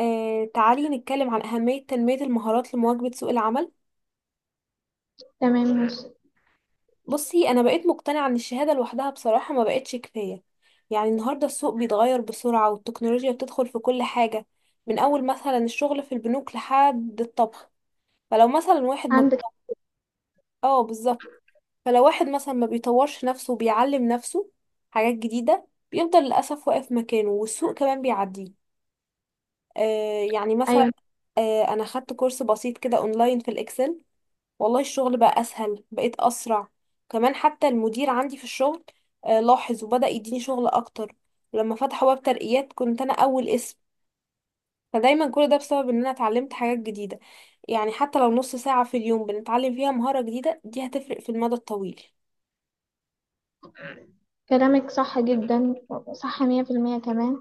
تعالي نتكلم عن أهمية تنمية المهارات لمواكبة سوق العمل. تمام ماشي. بصي، أنا بقيت مقتنعة إن الشهادة لوحدها بصراحة ما بقتش كفاية. يعني النهاردة السوق بيتغير بسرعة، والتكنولوجيا بتدخل في كل حاجة، من أول مثلا الشغل في البنوك لحد الطبخ. فلو مثلا واحد ما... عندك. اه، بالظبط. فلو واحد مثلا ما بيطورش نفسه وبيعلم نفسه حاجات جديدة، بيفضل للأسف واقف مكانه والسوق كمان بيعديه. يعني مثلا، أيوة. أنا خدت كورس بسيط كده أونلاين في الإكسل. والله الشغل بقى اسهل، بقيت اسرع. كمان حتى المدير عندي في الشغل لاحظ وبدأ يديني شغل اكتر. ولما فتحوا باب ترقيات كنت انا اول اسم. فدايما كل ده بسبب ان انا اتعلمت حاجات جديدة. يعني حتى لو نص ساعة في اليوم بنتعلم فيها مهارة جديدة، دي هتفرق في المدى الطويل. كلامك صح جدا. صح 100% كمان.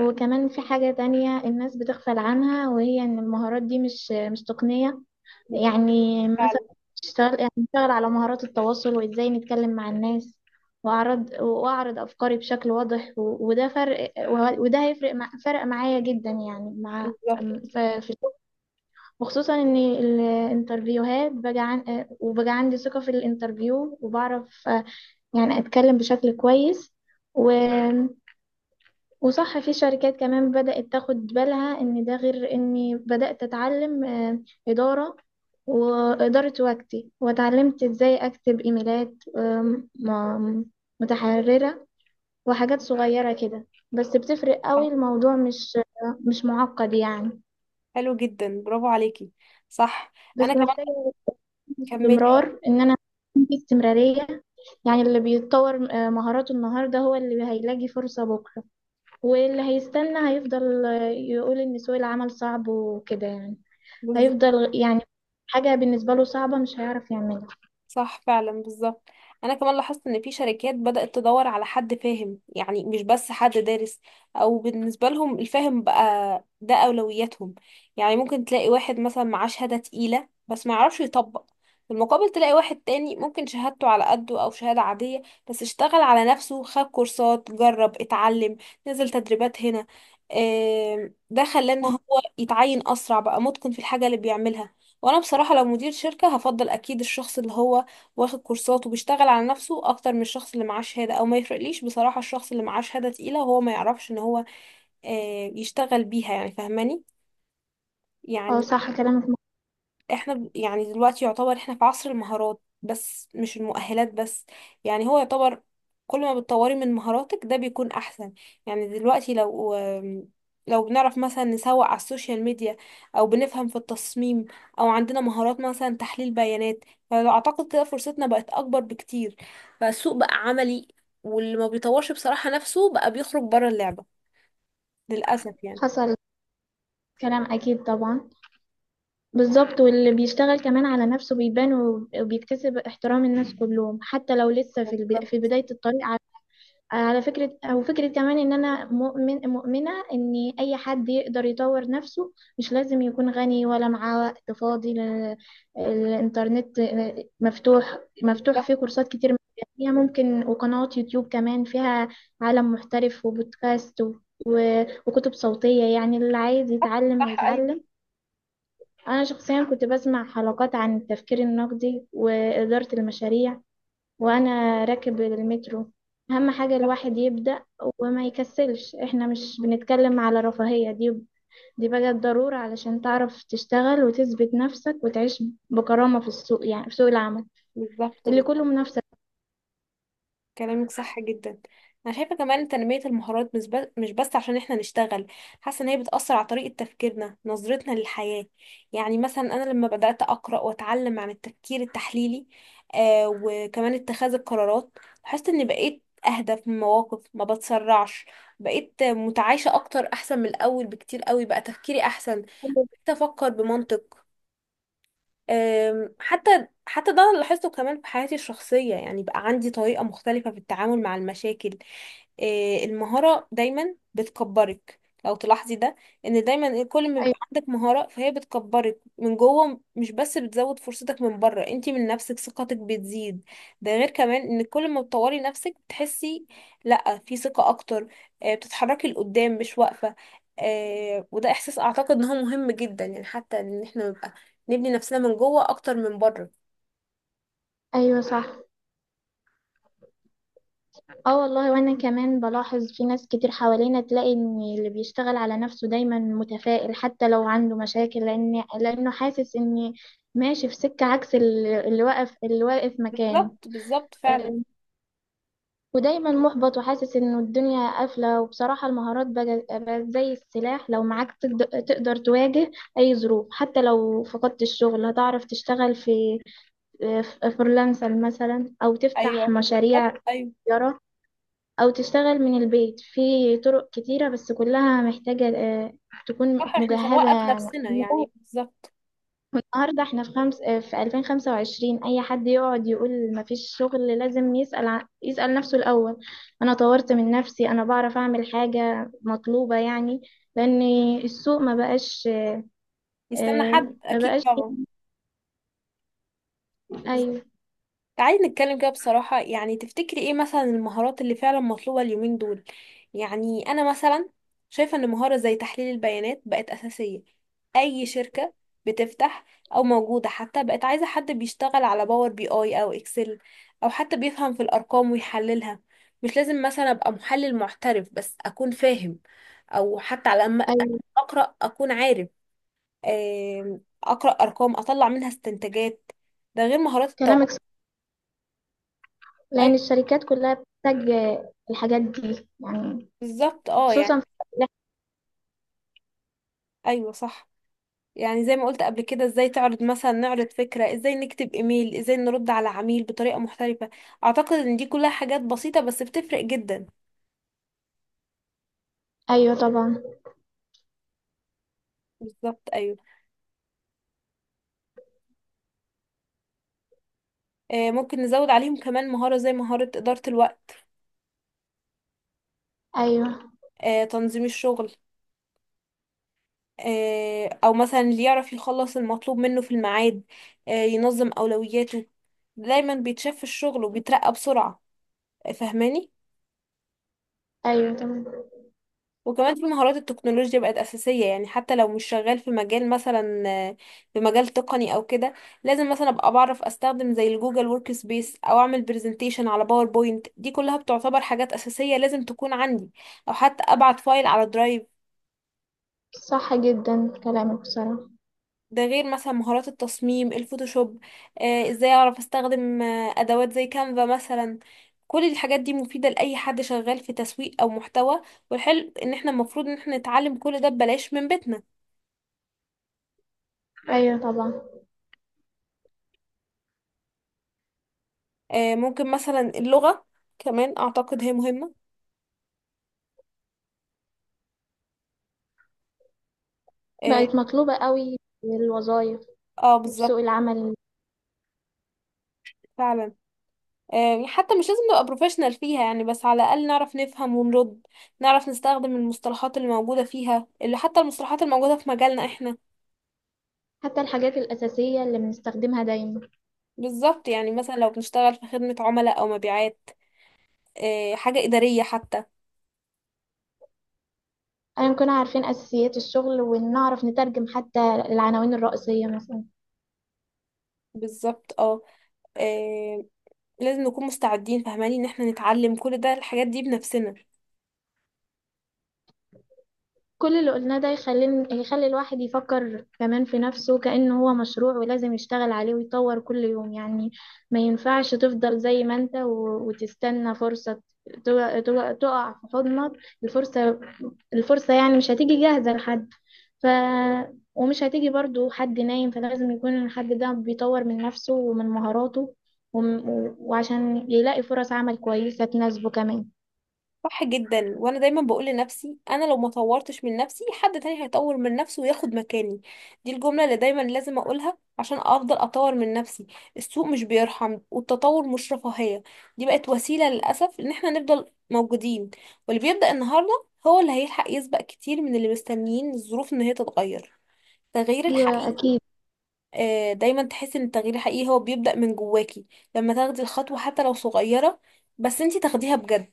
وكمان في حاجة تانية الناس بتغفل عنها، وهي إن المهارات دي مش تقنية. بالظبط. يعني مثلا فعلا. اشتغل على مهارات التواصل، وإزاي نتكلم مع الناس، وأعرض أفكاري بشكل واضح، وده فرق، وده هيفرق، مع فرق معايا جدا، يعني مع بالظبط. في الشغل. وخصوصا ان الانترفيوهات بقى وبقى عندي ثقة في الانترفيو، وبعرف يعني اتكلم بشكل كويس و... وصح. في شركات كمان بدأت تاخد بالها ان ده، غير اني بدأت اتعلم إدارة وإدارة وقتي، وتعلمت ازاي اكتب ايميلات متحررة، وحاجات صغيرة كده بس بتفرق صح. قوي. الموضوع مش معقد يعني، حلو جدا، برافو عليكي. صح. انا بس كمان... محتاجة كملي اه. استمرار، ان انا أكون في استمرارية. يعني اللي بيتطور مهاراته النهاردة هو اللي هيلاقي فرصة بكرة، واللي هيستنى هيفضل يقول ان سوق العمل صعب وكده يعني. بالظبط. هيفضل يعني حاجة بالنسبة له صعبة مش هيعرف يعملها. صح فعلا، بالظبط. انا كمان لاحظت ان في شركات بدأت تدور على حد فاهم، يعني مش بس حد دارس. او بالنسبة لهم الفاهم بقى ده اولوياتهم. يعني ممكن تلاقي واحد مثلا معاه شهادة تقيلة بس ما يعرفش يطبق. في المقابل تلاقي واحد تاني ممكن شهادته على قده او شهادة عادية، بس اشتغل على نفسه، خد كورسات، جرب، اتعلم، نزل تدريبات هنا. ده خلاه ان هو يتعين اسرع، بقى متقن في الحاجة اللي بيعملها. وانا بصراحة لو مدير شركة هفضل اكيد الشخص اللي هو واخد كورسات وبيشتغل على نفسه اكتر من الشخص اللي معاه شهادة. او ما يفرقليش بصراحة الشخص اللي معاه شهادة تقيلة وهو ما يعرفش ان هو يشتغل بيها، يعني فاهماني؟ اه يعني صح كلامك. احنا يعني دلوقتي يعتبر احنا في عصر المهارات بس، مش المؤهلات بس. يعني هو يعتبر كل ما بتطوري من مهاراتك ده بيكون احسن. يعني دلوقتي لو بنعرف مثلا نسوق على السوشيال ميديا، او بنفهم في التصميم، او عندنا مهارات مثلا تحليل بيانات، فاعتقد كده فرصتنا بقت اكبر بكتير. بقى السوق بقى عملي، واللي ما بيطورش بصراحة نفسه بقى بيخرج بره اللعبة، للأسف يعني. حصل، كلام اكيد طبعا. بالظبط، واللي بيشتغل كمان على نفسه بيبان وبيكتسب احترام الناس كلهم، حتى لو لسه في بالظبط. بداية الطريق. على فكرة، أو فكرة كمان، إن أنا مؤمنة إن أي حد يقدر يطور نفسه، مش لازم يكون غني ولا معاه وقت فاضي، لأن الإنترنت مفتوح، بالظبط. فيه كورسات كتير مجانية ممكن، وقنوات يوتيوب كمان فيها عالم محترف، وبودكاست وكتب صوتية. يعني اللي عايز يتعلم صح ايوه. هيتعلم. أنا شخصيا كنت بسمع حلقات عن التفكير النقدي وإدارة المشاريع وانا راكب المترو. اهم حاجة بالظبط. الواحد يبدأ وما يكسلش. احنا مش بنتكلم على رفاهية، دي دي بقت ضرورة علشان تعرف تشتغل وتثبت نفسك وتعيش بكرامة في السوق، يعني في سوق العمل بالظبط. اللي كله منافسة. كلامك صح جدا. انا شايفه كمان تنميه المهارات مش بس عشان احنا نشتغل. حاسه ان هي بتاثر على طريقه تفكيرنا، نظرتنا للحياه. يعني مثلا انا لما بدات اقرا واتعلم عن التفكير التحليلي، وكمان اتخاذ القرارات، لاحظت اني بقيت اهدى في المواقف، ما بتسرعش. بقيت متعايشه اكتر، احسن من الاول بكتير قوي، بقى تفكيري احسن. بقيت افكر بمنطق. حتى ده أنا لاحظته كمان في حياتي الشخصية، يعني بقى عندي طريقة مختلفة في التعامل مع المشاكل. إيه، المهارة دايما بتكبرك، لو تلاحظي ده. ان دايما كل ما ايوه. بيبقى عندك مهارة، فهي بتكبرك من جوه، مش بس بتزود فرصتك من بره. انتي من نفسك ثقتك بتزيد. ده غير كمان ان كل ما بتطوري نفسك بتحسي لا في ثقة اكتر، بتتحركي لقدام مش واقفة. وده احساس اعتقد ان هو مهم جدا، يعني حتى ان احنا نبني نفسنا من جوه اكتر من بره. أيوة صح. اه والله، وانا كمان بلاحظ في ناس كتير حوالينا، تلاقي ان اللي بيشتغل على نفسه دايما متفائل حتى لو عنده مشاكل، لانه حاسس ان ماشي في سكة، عكس اللي واقف مكانه بالظبط. بالظبط فعلا. ودايما محبط وحاسس انه الدنيا قافلة. وبصراحة المهارات بقت زي السلاح، لو معاك تقدر تواجه اي ظروف. حتى لو فقدت الشغل هتعرف تشتغل في فريلانسر مثلا، او تفتح ايوه مشاريع بالظبط ايوه. تجارة، او تشتغل من البيت في طرق كتيرة، بس كلها محتاجة تكون صح. احنا مش هنوقف مجهزة نفسنا مجهزة. يعني، بالظبط. والنهاردة احنا في خمس اه، في 2025. أي حد يقعد يقول مفيش شغل، لازم يسأل نفسه الأول، أنا طورت من نفسي؟ أنا بعرف أعمل حاجة مطلوبة يعني؟ لأن السوق ما بقاش. يستنى اه، حد، ما اكيد بقاش. طبعا. أيوه تعالي نتكلم كده بصراحة، يعني تفتكري ايه مثلا المهارات اللي فعلا مطلوبة اليومين دول؟ يعني انا مثلا شايفة ان مهارة زي تحليل البيانات بقت اساسية. اي شركة بتفتح او موجودة حتى بقت عايزة حد بيشتغل على باور بي اي او اكسل، او حتى بيفهم في الارقام ويحللها. مش لازم مثلا ابقى محلل محترف، بس اكون فاهم، او حتى على الاقل أيوه. اقرأ، اكون عارف. اقرأ ارقام اطلع منها استنتاجات. ده غير مهارات التواصل. كلامك صح، لأن الشركات كلها بتحتاج الحاجات دي يعني، بالظبط اه يعني. خصوصا في. ايوه صح. يعني زي ما قلت قبل كده، ازاي تعرض مثلا، نعرض فكرة، ازاي نكتب ايميل، ازاي نرد على عميل بطريقة محترفة. اعتقد ان دي كلها حاجات بسيطة بس بتفرق جدا. أيوه طبعا. بالظبط ايوه. ممكن نزود عليهم كمان مهارة زي مهارة ادارة الوقت، أيوه. تنظيم الشغل. او مثلا اللي يعرف يخلص المطلوب منه في الميعاد، ينظم اولوياته، دايما بيتشاف في الشغل وبيترقى بسرعة. فاهماني؟ أيوه طبعا. وكمان في مهارات التكنولوجيا بقت أساسية، يعني حتى لو مش شغال في مجال مثلا، في مجال تقني أو كده. لازم مثلا أبقى بعرف أستخدم زي الجوجل ورك سبيس أو أعمل برزنتيشن على باوربوينت. دي كلها بتعتبر حاجات أساسية لازم تكون عندي، أو حتى أبعت فايل على درايف. صح جدا كلامك بصراحة. ده غير مثلا مهارات التصميم، الفوتوشوب. إزاي أعرف أستخدم أدوات زي كانفا مثلا. كل الحاجات دي مفيدة لأي حد شغال في تسويق أو محتوى. والحلو إن احنا المفروض إن احنا نتعلم كل ده ببلاش من بيتنا. أيوه طبعا. ممكن مثلا اللغة كمان أعتقد هي مهمة. اه. بقت مطلوبة قوي الوظائف، وفي سوق بالظبط. العمل. فعلا. حتى مش لازم نبقى بروفيشنال فيها يعني، بس على الأقل نعرف نفهم ونرد، نعرف نستخدم المصطلحات اللي موجودة فيها، اللي حتى المصطلحات الموجودة في مجالنا احنا. حتى الحاجات الأساسية اللي بنستخدمها دايما. بالظبط. يعني مثلا لو بنشتغل في خدمة عملاء أو مبيعات، حاجة إدارية حتى. أيا كنا عارفين أساسيات الشغل ونعرف نترجم حتى العناوين الرئيسية مثلا. بالظبط اه. آه، لازم نكون مستعدين، فاهماني ان احنا نتعلم كل ده، الحاجات دي بنفسنا. كل اللي قلناه ده يخلي الواحد يفكر كمان في نفسه كأنه هو مشروع، ولازم يشتغل عليه ويطور كل يوم يعني. ما ينفعش تفضل زي ما انت وتستنى فرصة تقع في حضنك. الفرصة الفرصة يعني مش هتيجي جاهزة لحد. ف ومش هتيجي برضو حد نايم، فلازم يكون الحد ده بيطور من نفسه ومن مهاراته وعشان يلاقي فرص عمل كويسة تناسبه كمان. صح جدا. وانا دايما بقول لنفسي، انا لو ما طورتش من نفسي، حد تاني هيطور من نفسه وياخد مكاني. دي الجملة اللي دايما لازم اقولها عشان افضل اطور من نفسي. السوق مش بيرحم، والتطور مش رفاهية، دي بقت وسيلة للاسف ان احنا نفضل موجودين. واللي بيبدأ النهاردة هو اللي هيلحق، يسبق كتير من اللي مستنيين الظروف ان هي تتغير. التغيير أيوة الحقيقي، أكيد. دايما تحس ان التغيير الحقيقي هو بيبدأ من جواكي، لما تاخدي الخطوة حتى لو صغيرة، بس انتي تاخديها بجد.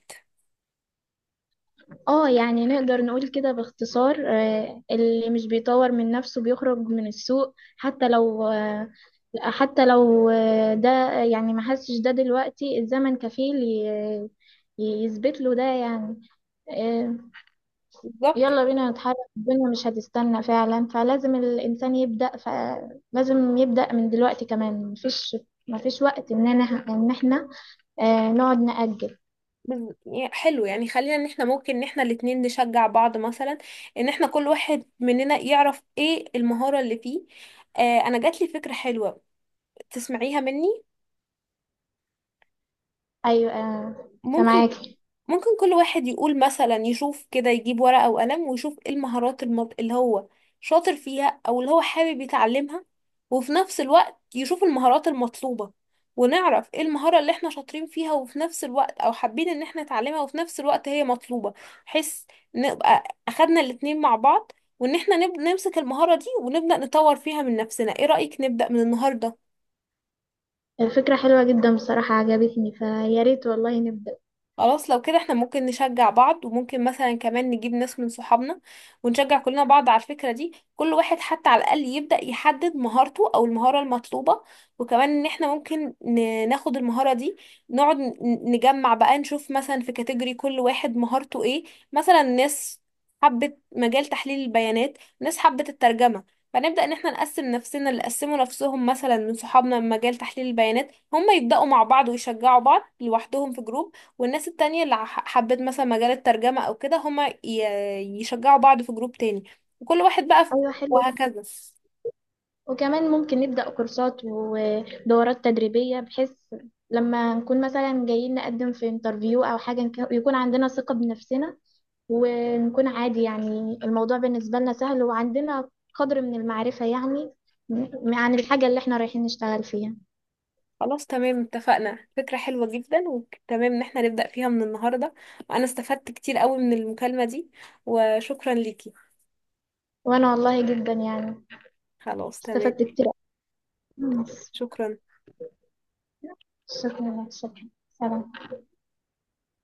اه يعني نقدر نقول كده باختصار، اللي مش بيطور من نفسه بيخرج من السوق. حتى لو ده، يعني ما حسش ده دلوقتي، الزمن كفيل يثبت له ده يعني. آه، بالظبط. يلا بينا نتحرك، الدنيا مش هتستنى فعلا. فلازم الإنسان يبدأ، فلازم يبدأ من دلوقتي كمان، مفيش وقت إن احنا نقعد نأجل. حلو، يعني خلينا ان احنا ممكن ان احنا الاتنين نشجع بعض، مثلا ان احنا كل واحد مننا يعرف ايه المهارة اللي فيه. انا جات لي فكرة حلوة، تسمعيها مني؟ أيوة. ممكن فمعاكي. ممكن كل واحد يقول مثلا، يشوف كده، يجيب ورقة وقلم ويشوف ايه المهارات اللي هو شاطر فيها او اللي هو حابب يتعلمها، وفي نفس الوقت يشوف المهارات المطلوبة. ونعرف ايه المهارة اللي احنا شاطرين فيها وفي نفس الوقت او حابين ان احنا نتعلمها، وفي نفس الوقت هي مطلوبة، بحيث نبقى اخدنا الاتنين مع بعض. وان احنا نمسك المهارة دي ونبدأ نطور فيها من نفسنا. ايه رأيك نبدأ من النهاردة؟ الفكرة حلوة جدا بصراحة، عجبتني، فيا ريت والله نبدأ. خلاص، لو كده احنا ممكن نشجع بعض، وممكن مثلا كمان نجيب ناس من صحابنا ونشجع كلنا بعض على الفكرة دي. كل واحد حتى على الأقل يبدأ يحدد مهارته أو المهارة المطلوبة. وكمان ان احنا ممكن ناخد المهارة دي، نقعد نجمع بقى، نشوف مثلا في كاتيجوري كل واحد مهارته ايه. مثلا ناس حبت مجال تحليل البيانات، ناس حبت الترجمة. فنبدأ ان احنا نقسم نفسنا، اللي قسموا نفسهم مثلا من صحابنا من مجال تحليل البيانات، هم يبدأوا مع بعض ويشجعوا بعض لوحدهم في جروب. والناس التانية اللي حبت مثلا مجال الترجمة أو كده، هما يشجعوا بعض في جروب تاني. وكل واحد بقى في... أيوة حلو. وهكذا. وكمان ممكن نبدأ كورسات ودورات تدريبية، بحيث لما نكون مثلا جايين نقدم في انترفيو أو حاجة يكون عندنا ثقة بنفسنا، ونكون عادي يعني. الموضوع بالنسبة لنا سهل، وعندنا قدر من المعرفة يعني عن الحاجة اللي احنا رايحين نشتغل فيها. خلاص تمام، اتفقنا، فكرة حلوة جدا، وتمام ان احنا نبدأ فيها من النهاردة. وأنا استفدت كتير قوي من المكالمة دي، وشكرا ليكي. وأنا والله جدا يعني خلاص تمام. استفدت كتير. شكرا. شكرا لك، شكرا، سلام.